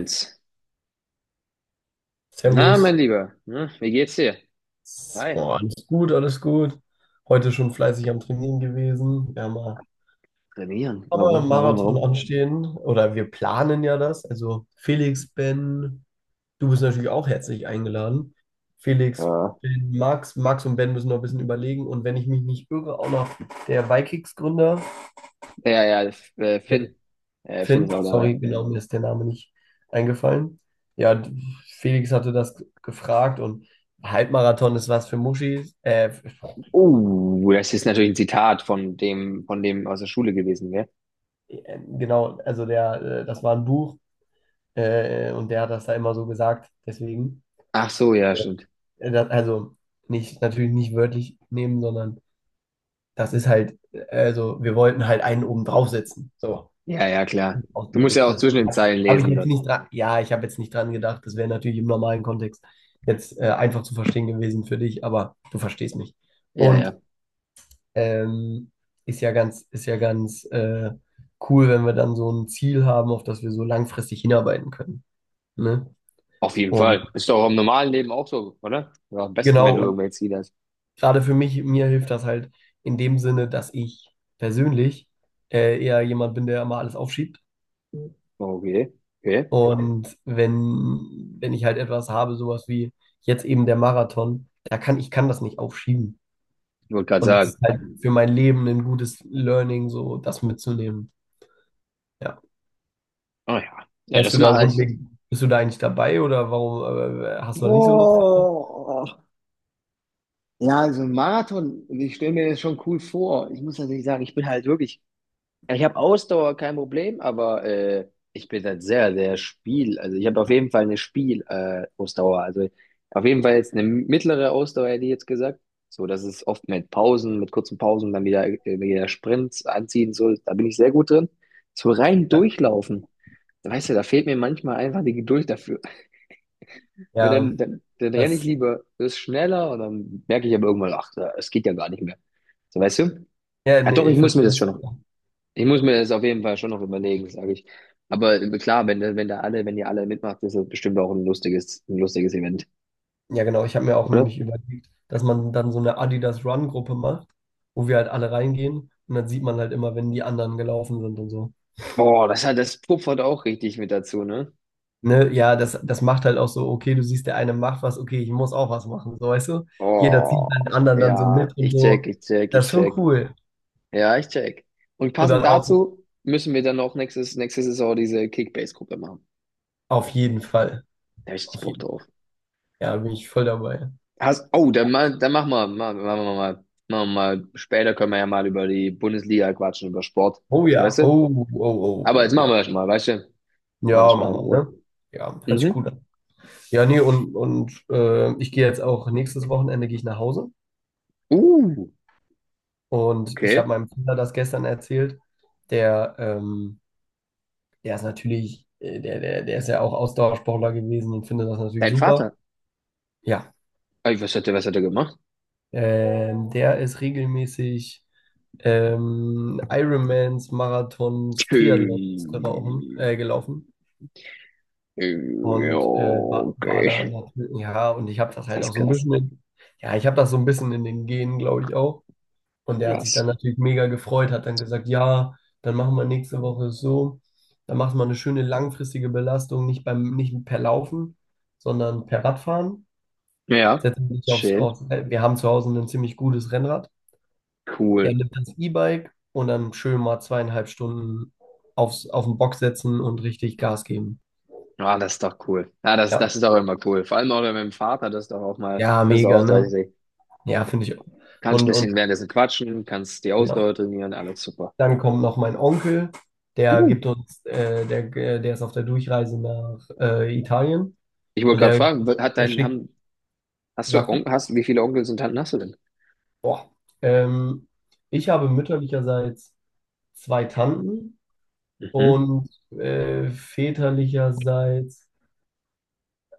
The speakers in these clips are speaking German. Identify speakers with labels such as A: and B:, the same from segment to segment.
A: Eins. Na,
B: Servus.
A: mein Lieber, ne, wie geht's dir? Hi.
B: Boah, alles gut, alles gut. Heute schon fleißig am Trainieren gewesen. Wir haben mal
A: Trainieren.
B: haben wir
A: Warum,
B: einen
A: warum,
B: Marathon
A: warum?
B: anstehen, oder wir planen ja das. Also Felix, Ben, du bist natürlich auch herzlich eingeladen. Felix,
A: Ja.
B: Ben, Max, Max und Ben müssen noch ein bisschen überlegen. Und wenn ich mich nicht irre, auch noch der Vikings-Gründer.
A: Ja, ja,
B: Ja,
A: Finn. Finn
B: Finn,
A: ist auch dabei.
B: sorry, genau, mir ist der Name nicht eingefallen. Ja, Felix hatte das gefragt und Halbmarathon ist was für Muschis.
A: Oh, das ist natürlich ein Zitat von dem aus der Schule gewesen, gell?
B: Genau, das war ein Buch, und der hat das da immer so gesagt. Deswegen,
A: Ach so, ja, stimmt.
B: das, also nicht, natürlich nicht wörtlich nehmen, sondern das ist halt, also wir wollten halt einen oben draufsetzen. So,
A: Ja, ja, klar. Du musst ja
B: ausgedrückt.
A: auch
B: Das
A: zwischen den Zeilen
B: habe ich
A: lesen
B: jetzt
A: dort.
B: nicht dran, ja, ich habe jetzt nicht dran gedacht. Das wäre natürlich im normalen Kontext jetzt einfach zu verstehen gewesen für dich, aber du verstehst mich.
A: Ja,
B: Und
A: ja.
B: ähm, ist ja ganz cool, wenn wir dann so ein Ziel haben, auf das wir so langfristig hinarbeiten können. Ne?
A: Auf jeden
B: Und
A: Fall. Ist doch im normalen Leben auch so, oder? Oder am besten, wenn
B: genau,
A: du
B: und
A: irgendwelche Ziele hast.
B: gerade für mich, mir hilft das halt in dem Sinne, dass ich persönlich eher jemand bin, der immer alles aufschiebt.
A: Oh, okay, okay.
B: Und wenn ich halt etwas habe, sowas wie jetzt eben der Marathon, da kann ich kann das nicht aufschieben.
A: Ich wollte gerade
B: Und das
A: sagen.
B: ist halt für mein Leben ein gutes Learning, so das mitzunehmen. Ja.
A: Oh ja. Ja, das mache ich.
B: Bist du da eigentlich dabei oder warum hast du da nicht so Lust?
A: Boah. Ja, so ein Marathon, ich stelle mir das schon cool vor. Ich muss natürlich sagen, ich bin halt wirklich, ja, ich habe Ausdauer, kein Problem, aber ich bin halt sehr, sehr Spiel. Also ich habe auf jeden Fall eine Spiel Ausdauer. Also auf jeden Fall jetzt eine mittlere Ausdauer, hätte ich jetzt gesagt. So, das ist oft mit Pausen, mit kurzen Pausen, dann wieder, wieder Sprints anziehen, so, da bin ich sehr gut drin. So rein durchlaufen, da weißt du, da fehlt mir manchmal einfach die Geduld dafür. Weil
B: Ja,
A: dann renne ich
B: das,
A: lieber, das ist schneller und dann merke ich aber irgendwann, ach, es geht ja gar nicht mehr. So, weißt du?
B: ja,
A: Ja,
B: nee,
A: doch,
B: ich verstehe das.
A: ich muss mir das auf jeden Fall schon noch überlegen, sage ich. Aber klar, wenn da alle, wenn ihr alle mitmacht, ist das bestimmt auch ein lustiges Event,
B: Ja, genau. Ich habe mir auch
A: oder?
B: nämlich überlegt, dass man dann so eine Adidas Run-Gruppe macht, wo wir halt alle reingehen und dann sieht man halt immer, wenn die anderen gelaufen sind und so.
A: Boah, das puffert auch richtig mit dazu, ne?
B: Ne? Ja, das, das macht halt auch so, okay, du siehst, der eine macht was, okay, ich muss auch was machen, so weißt du? Jeder zieht halt den
A: Oh,
B: anderen dann so
A: ja,
B: mit und so.
A: ich
B: Das ist schon
A: check.
B: cool.
A: Ja, ich check. Und
B: Und
A: passend
B: dann auch
A: dazu müssen wir dann auch nächste Saison diese Kickbase-Gruppe machen.
B: auf jeden Fall.
A: Da hab ich richtig
B: Auf
A: Bock
B: jeden
A: drauf.
B: Fall. Ja, bin ich voll dabei.
A: Hast, oh, dann, mal, dann machen wir, machen wir mal, später können wir ja mal über die Bundesliga quatschen, über Sport.
B: Oh
A: So,
B: ja,
A: weißt du?
B: oh, oh, oh,
A: Aber jetzt
B: oh,
A: machen
B: ja.
A: wir das mal, weißt du? Machen wir
B: Ja,
A: das
B: mach
A: mal in
B: mal,
A: Ruhe.
B: ne? Ja, hört sich
A: Mhm.
B: gut an. Ja, nee, ich gehe jetzt auch nächstes Wochenende gehe ich nach Hause.
A: Uh,
B: Und ich
A: okay.
B: habe meinem Bruder das gestern erzählt. Der, der ist natürlich, der ist ja auch Ausdauersportler gewesen und findet das natürlich
A: Dein
B: super.
A: Vater.
B: Ja,
A: Ey, was hat er gemacht?
B: der ist regelmäßig Ironmans, Marathons, Triathlons
A: Ähm,
B: gelaufen
A: Ja,
B: und war da
A: okay.
B: natürlich, ja, und ich habe das halt
A: Das ist
B: auch so ein
A: krass.
B: bisschen in, ja, ich habe das so ein bisschen in den Genen, glaube ich, auch. Und der hat sich
A: Krass.
B: dann natürlich mega gefreut, hat dann gesagt, ja, dann machen wir nächste Woche so. Dann macht man eine schöne langfristige Belastung, nicht per Laufen, sondern per Radfahren.
A: Ja,
B: Setzt sich
A: schön.
B: wir haben zu Hause ein ziemlich gutes Rennrad.
A: Cool.
B: Er nimmt das E-Bike und dann schön mal zweieinhalb Stunden auf den Bock setzen und richtig Gas geben.
A: Ah, das ist doch cool. Ja,
B: Ja.
A: das ist auch immer cool. Vor allem auch mit dem Vater,
B: Ja,
A: das ist
B: mega,
A: auch,
B: ne? Ja, finde ich.
A: kannst ein
B: Und,
A: bisschen
B: und
A: währenddessen quatschen, kannst die Ausdauer
B: genau.
A: trainieren, alles super.
B: Dann kommt noch mein Onkel,
A: Uh,
B: der ist auf der Durchreise nach Italien
A: ich wollte
B: und
A: gerade fragen,
B: der schickt,
A: hast du
B: sag ruhig,
A: Onkel, hast, wie viele Onkels und Tanten hast du denn?
B: boah, ähm, ich habe mütterlicherseits zwei Tanten
A: Mhm.
B: und väterlicherseits,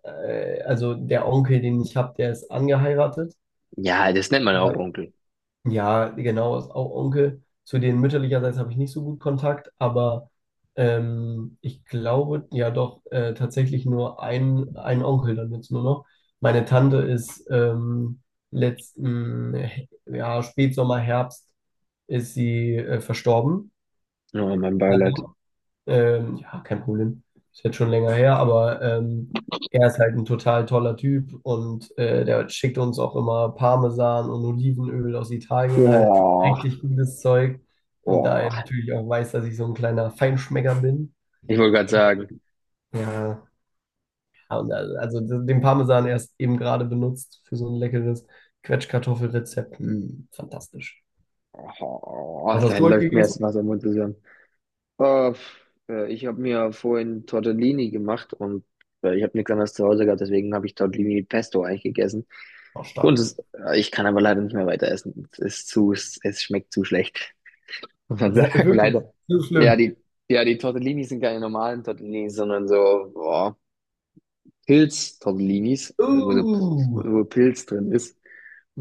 B: also der Onkel, den ich habe, der ist angeheiratet.
A: Ja, das nennt man auch Onkel.
B: Ja, genau, ist auch Onkel. Zu denen mütterlicherseits habe ich nicht so gut Kontakt, aber ich glaube ja doch tatsächlich nur ein Onkel dann jetzt nur noch. Meine Tante ist ja, Spätsommer, Herbst ist sie verstorben.
A: Oh, mein Beileid.
B: Ja, kein Problem. Ist jetzt schon länger her, aber er ist halt ein total toller Typ und der schickt uns auch immer Parmesan und Olivenöl aus Italien, halt
A: Oh,
B: richtig gutes Zeug. Und da
A: oh.
B: er natürlich auch weiß, dass ich so ein kleiner Feinschmecker bin.
A: Ich wollte gerade sagen,
B: Ja, ja, und also den Parmesan erst eben gerade benutzt für so ein leckeres Quetschkartoffelrezept. Mm, fantastisch.
A: oh,
B: Was
A: da
B: hast du heute
A: läuft mir
B: gegessen?
A: erst was im Mund zusammen. Oh, ich habe mir vorhin Tortellini gemacht und ich habe nichts anderes zu Hause gehabt, deswegen habe ich Tortellini mit Pesto eigentlich gegessen.
B: Auch stark.
A: Kunst ist, ich kann aber leider nicht mehr weiter essen. Es ist zu, es schmeckt zu schlecht. Muss man
B: Das
A: sagen,
B: ist wirklich
A: leider.
B: so
A: Ja,
B: schlimm.
A: die, ja, die Tortellinis sind keine normalen Tortellinis, sondern so, boah, Pilz-Tortellinis,
B: Uh,
A: wo Pilz drin ist.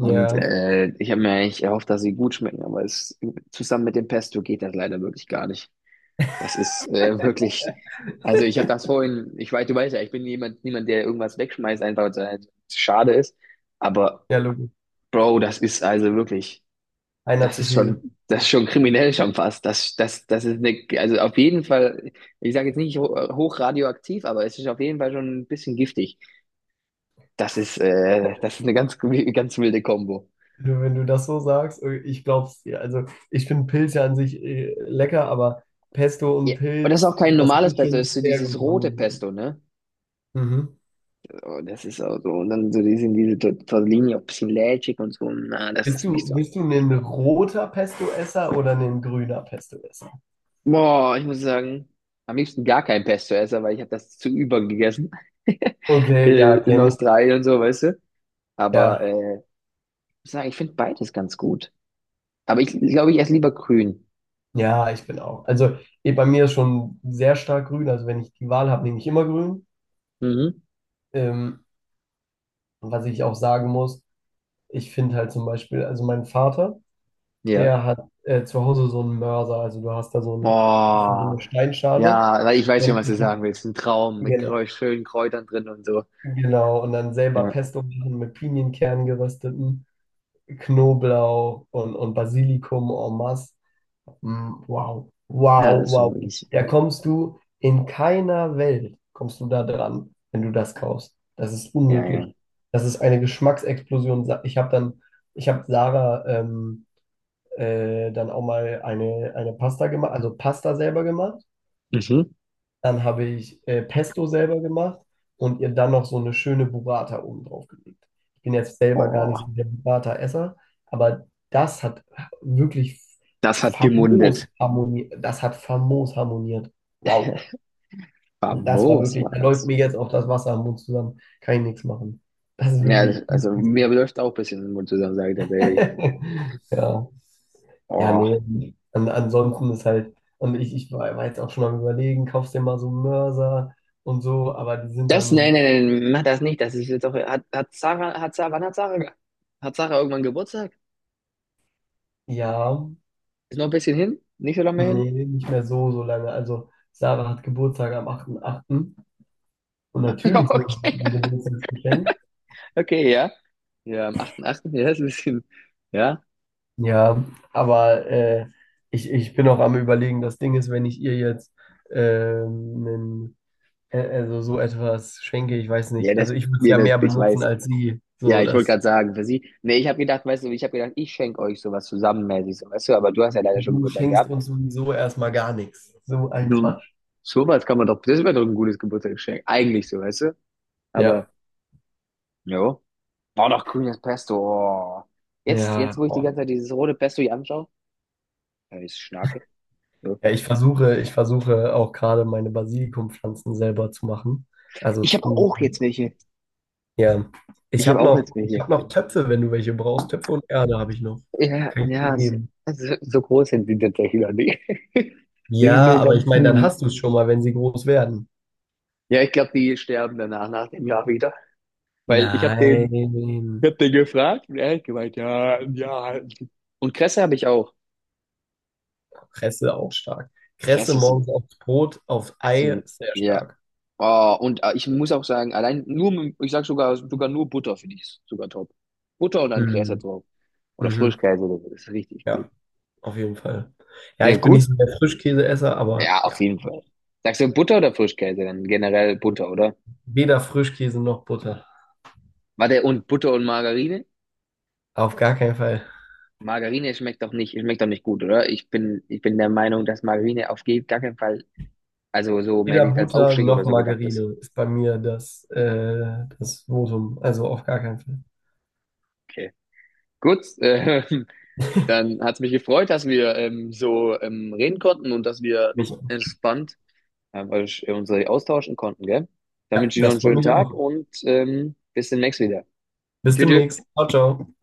A: Und ich habe mir eigentlich erhofft, dass sie gut schmecken, aber es zusammen mit dem Pesto geht das leider wirklich gar nicht. Das ist wirklich, also ich habe das vorhin, ich weiß, du weißt ja, ich bin niemand, der irgendwas wegschmeißt, einfach weil es halt schade ist. Aber
B: ja, Lukas.
A: Bro, das ist also wirklich.
B: Einer zu viel.
A: Das ist schon kriminell schon fast. Das ist eine, also auf jeden Fall, ich sage jetzt nicht ho hoch radioaktiv, aber es ist auf jeden Fall schon ein bisschen giftig. Das ist eine ganz, ganz wilde Kombo.
B: Du- Wenn du das so sagst, ich glaub's dir. Also ich finde Pilze an sich lecker, aber Pesto und
A: Ja. Und das ist
B: Pilz,
A: auch kein
B: das
A: normales
B: muss
A: Pesto, das
B: schon
A: ist so
B: sehr
A: dieses
B: gut
A: rote
B: harmonieren.
A: Pesto, ne?
B: Mhm.
A: Oh, das ist auch so. Und dann so diese Tortellini auch ein bisschen lätschig und so. Na, das ist nicht so.
B: Bist du ein roter Pesto-Esser oder ein grüner Pesto-Esser?
A: Boah, ich muss sagen, am liebsten gar kein Pesto-Esser, weil ich habe das zu über gegessen.
B: Okay, ja,
A: In
B: kenne ich.
A: Australien und so, weißt du? Aber
B: Ja,
A: muss sagen, ich finde beides ganz gut. Aber ich glaube, ich esse lieber grün.
B: ja, ich bin auch. Also eh, bei mir ist schon sehr stark grün. Also wenn ich die Wahl habe, nehme ich immer grün.
A: Mhm.
B: Ähm, was ich auch sagen muss, ich finde halt zum Beispiel, also mein Vater,
A: Ja.
B: der hat zu Hause so einen Mörser. Also du hast da so
A: Oh,
B: eine Steinschale
A: ja, weil ich weiß schon,
B: und
A: was du
B: ein
A: sagen
B: paar-
A: willst. Ein Traum mit Kräu
B: genau,
A: schönen Kräutern drin und so.
B: genau, und dann selber
A: Ja,
B: Pesto machen mit Pinienkernen gerösteten, Knoblauch und Basilikum en masse. Mm, wow,
A: ja,
B: wow,
A: das ist schon
B: wow.
A: wirklich.
B: Da kommst du in keiner Welt, kommst du da dran, wenn du das kaufst. Das ist
A: Ja, ja.
B: unmöglich. Das ist eine Geschmacksexplosion. Ich habe Sarah dann auch mal eine Pasta gemacht, also Pasta selber gemacht.
A: Mhm.
B: Dann habe ich Pesto selber gemacht und ihr dann noch so eine schöne Burrata oben drauf gelegt. Ich bin jetzt selber gar nicht so
A: Oh,
B: der Burrata-Esser, aber das hat wirklich
A: das hat
B: famos
A: gemundet.
B: harmoniert. Das hat famos harmoniert. Wow. Und das war
A: Famos
B: wirklich,
A: war
B: da läuft
A: das.
B: mir jetzt auch das Wasser am Mund zusammen. Kann ich nichts machen. Das ist
A: Ja, das,
B: wirklich
A: also mir läuft auch ein bisschen den Mund zusammen, sage ich tatsächlich.
B: Ja. Ja,
A: Oh,
B: nee. Ansonsten ist halt, und ich war jetzt auch schon mal am überlegen, kaufst dir mal so Mörser und so, aber die sind
A: das,
B: dann,
A: mach das nicht. Das ist jetzt auch, hat, hat Sarah, wann hat Sarah, ge- hat Sarah irgendwann Geburtstag?
B: ja,
A: Ist noch ein bisschen hin? Nicht so lange mehr hin?
B: nee, nicht mehr so, so lange. Also Sarah hat Geburtstag am 8.8. und natürlich so
A: Okay.
B: ein Geburtstagsgeschenk.
A: Okay, ja. Ja, am 8.8. Ja, ist ein bisschen. Ja.
B: Ja, aber ich bin auch am Überlegen, das Ding ist, wenn ich ihr jetzt ähm, nen- also so etwas schenke, ich weiß nicht, also ich würde es
A: Ja,
B: ja
A: das,
B: mehr
A: ich
B: benutzen
A: weiß.
B: als sie,
A: Ja,
B: so
A: ich wollte
B: das.
A: gerade sagen, für sie. Nee, ich habe gedacht, ich schenke euch sowas zusammenmäßig, so, weißt du, aber du hast ja leider schon
B: Du
A: Geburtstag
B: schenkst
A: gehabt.
B: uns sowieso erstmal gar nichts. So ein
A: Du,
B: Quatsch.
A: sowas kann man doch, das wäre doch ein gutes Geburtstagsgeschenk. Eigentlich so, weißt du?
B: Ja,
A: Aber, jo. Oh, noch grünes Pesto. Oh. Jetzt,
B: ja.
A: wo ich die
B: Oh.
A: ganze Zeit dieses rote Pesto hier anschaue, ja, ich schnarke. So.
B: Ja, ich versuche auch gerade meine Basilikumpflanzen selber zu machen. Also
A: Ich habe
B: zu,
A: auch jetzt welche.
B: ja.
A: Ich habe auch jetzt
B: Ich
A: welche.
B: habe noch Töpfe, wenn du welche brauchst. Töpfe und Erde habe ich noch.
A: Ja,
B: Kann ich dir
A: ja, so,
B: geben.
A: so groß sind sie tatsächlich noch nicht. Die sind
B: Ja,
A: nur
B: aber ich
A: ganz
B: meine, dann
A: mini.
B: hast du es schon mal, wenn sie groß werden.
A: Ja, ich glaube, die sterben danach, nach dem Jahr wieder. Weil ich habe den, ich
B: Nein.
A: hab den gefragt und er hat gemeint, ja, ja. Und Kresse habe ich auch.
B: Kresse auch stark. Kresse
A: Kresse sind,
B: morgens aufs Brot, aufs Ei,
A: sind
B: sehr
A: ja.
B: stark.
A: Oh, und ich muss auch sagen, ich sag sogar, sogar nur Butter finde ich ist sogar top. Butter und dann Kresse
B: Mhm.
A: drauf. Oder
B: Mhm.
A: Frischkäse oder so, das ist richtig
B: Ja.
A: gut.
B: Auf jeden Fall. Ja,
A: Ja,
B: ich bin nicht
A: gut?
B: so der Frischkäseesser, aber
A: Ja, auf
B: ja,
A: jeden Fall. Sagst du Butter oder Frischkäse? Dann generell Butter, oder?
B: weder Frischkäse noch Butter.
A: Warte, und Butter und Margarine?
B: Auf gar keinen Fall.
A: Margarine schmeckt doch nicht gut, oder? Ich bin der Meinung, dass Margarine auf gar keinen Fall, also so mehr
B: Weder
A: als
B: Butter
A: Aufstrich
B: noch
A: oder so gedacht ist.
B: Margarine ist bei mir das, das Votum. Also auf gar keinen Fall.
A: Okay. Gut, dann hat's mich gefreut, dass wir so reden konnten und dass wir
B: Mich
A: entspannt uns austauschen konnten, gell? Dann
B: Ja,
A: wünsche ich noch
B: das
A: einen
B: freut
A: schönen
B: mich
A: Tag
B: auch.
A: und bis demnächst wieder.
B: Bis
A: Tschüss.
B: demnächst.
A: Tschüss.
B: Ciao, ciao.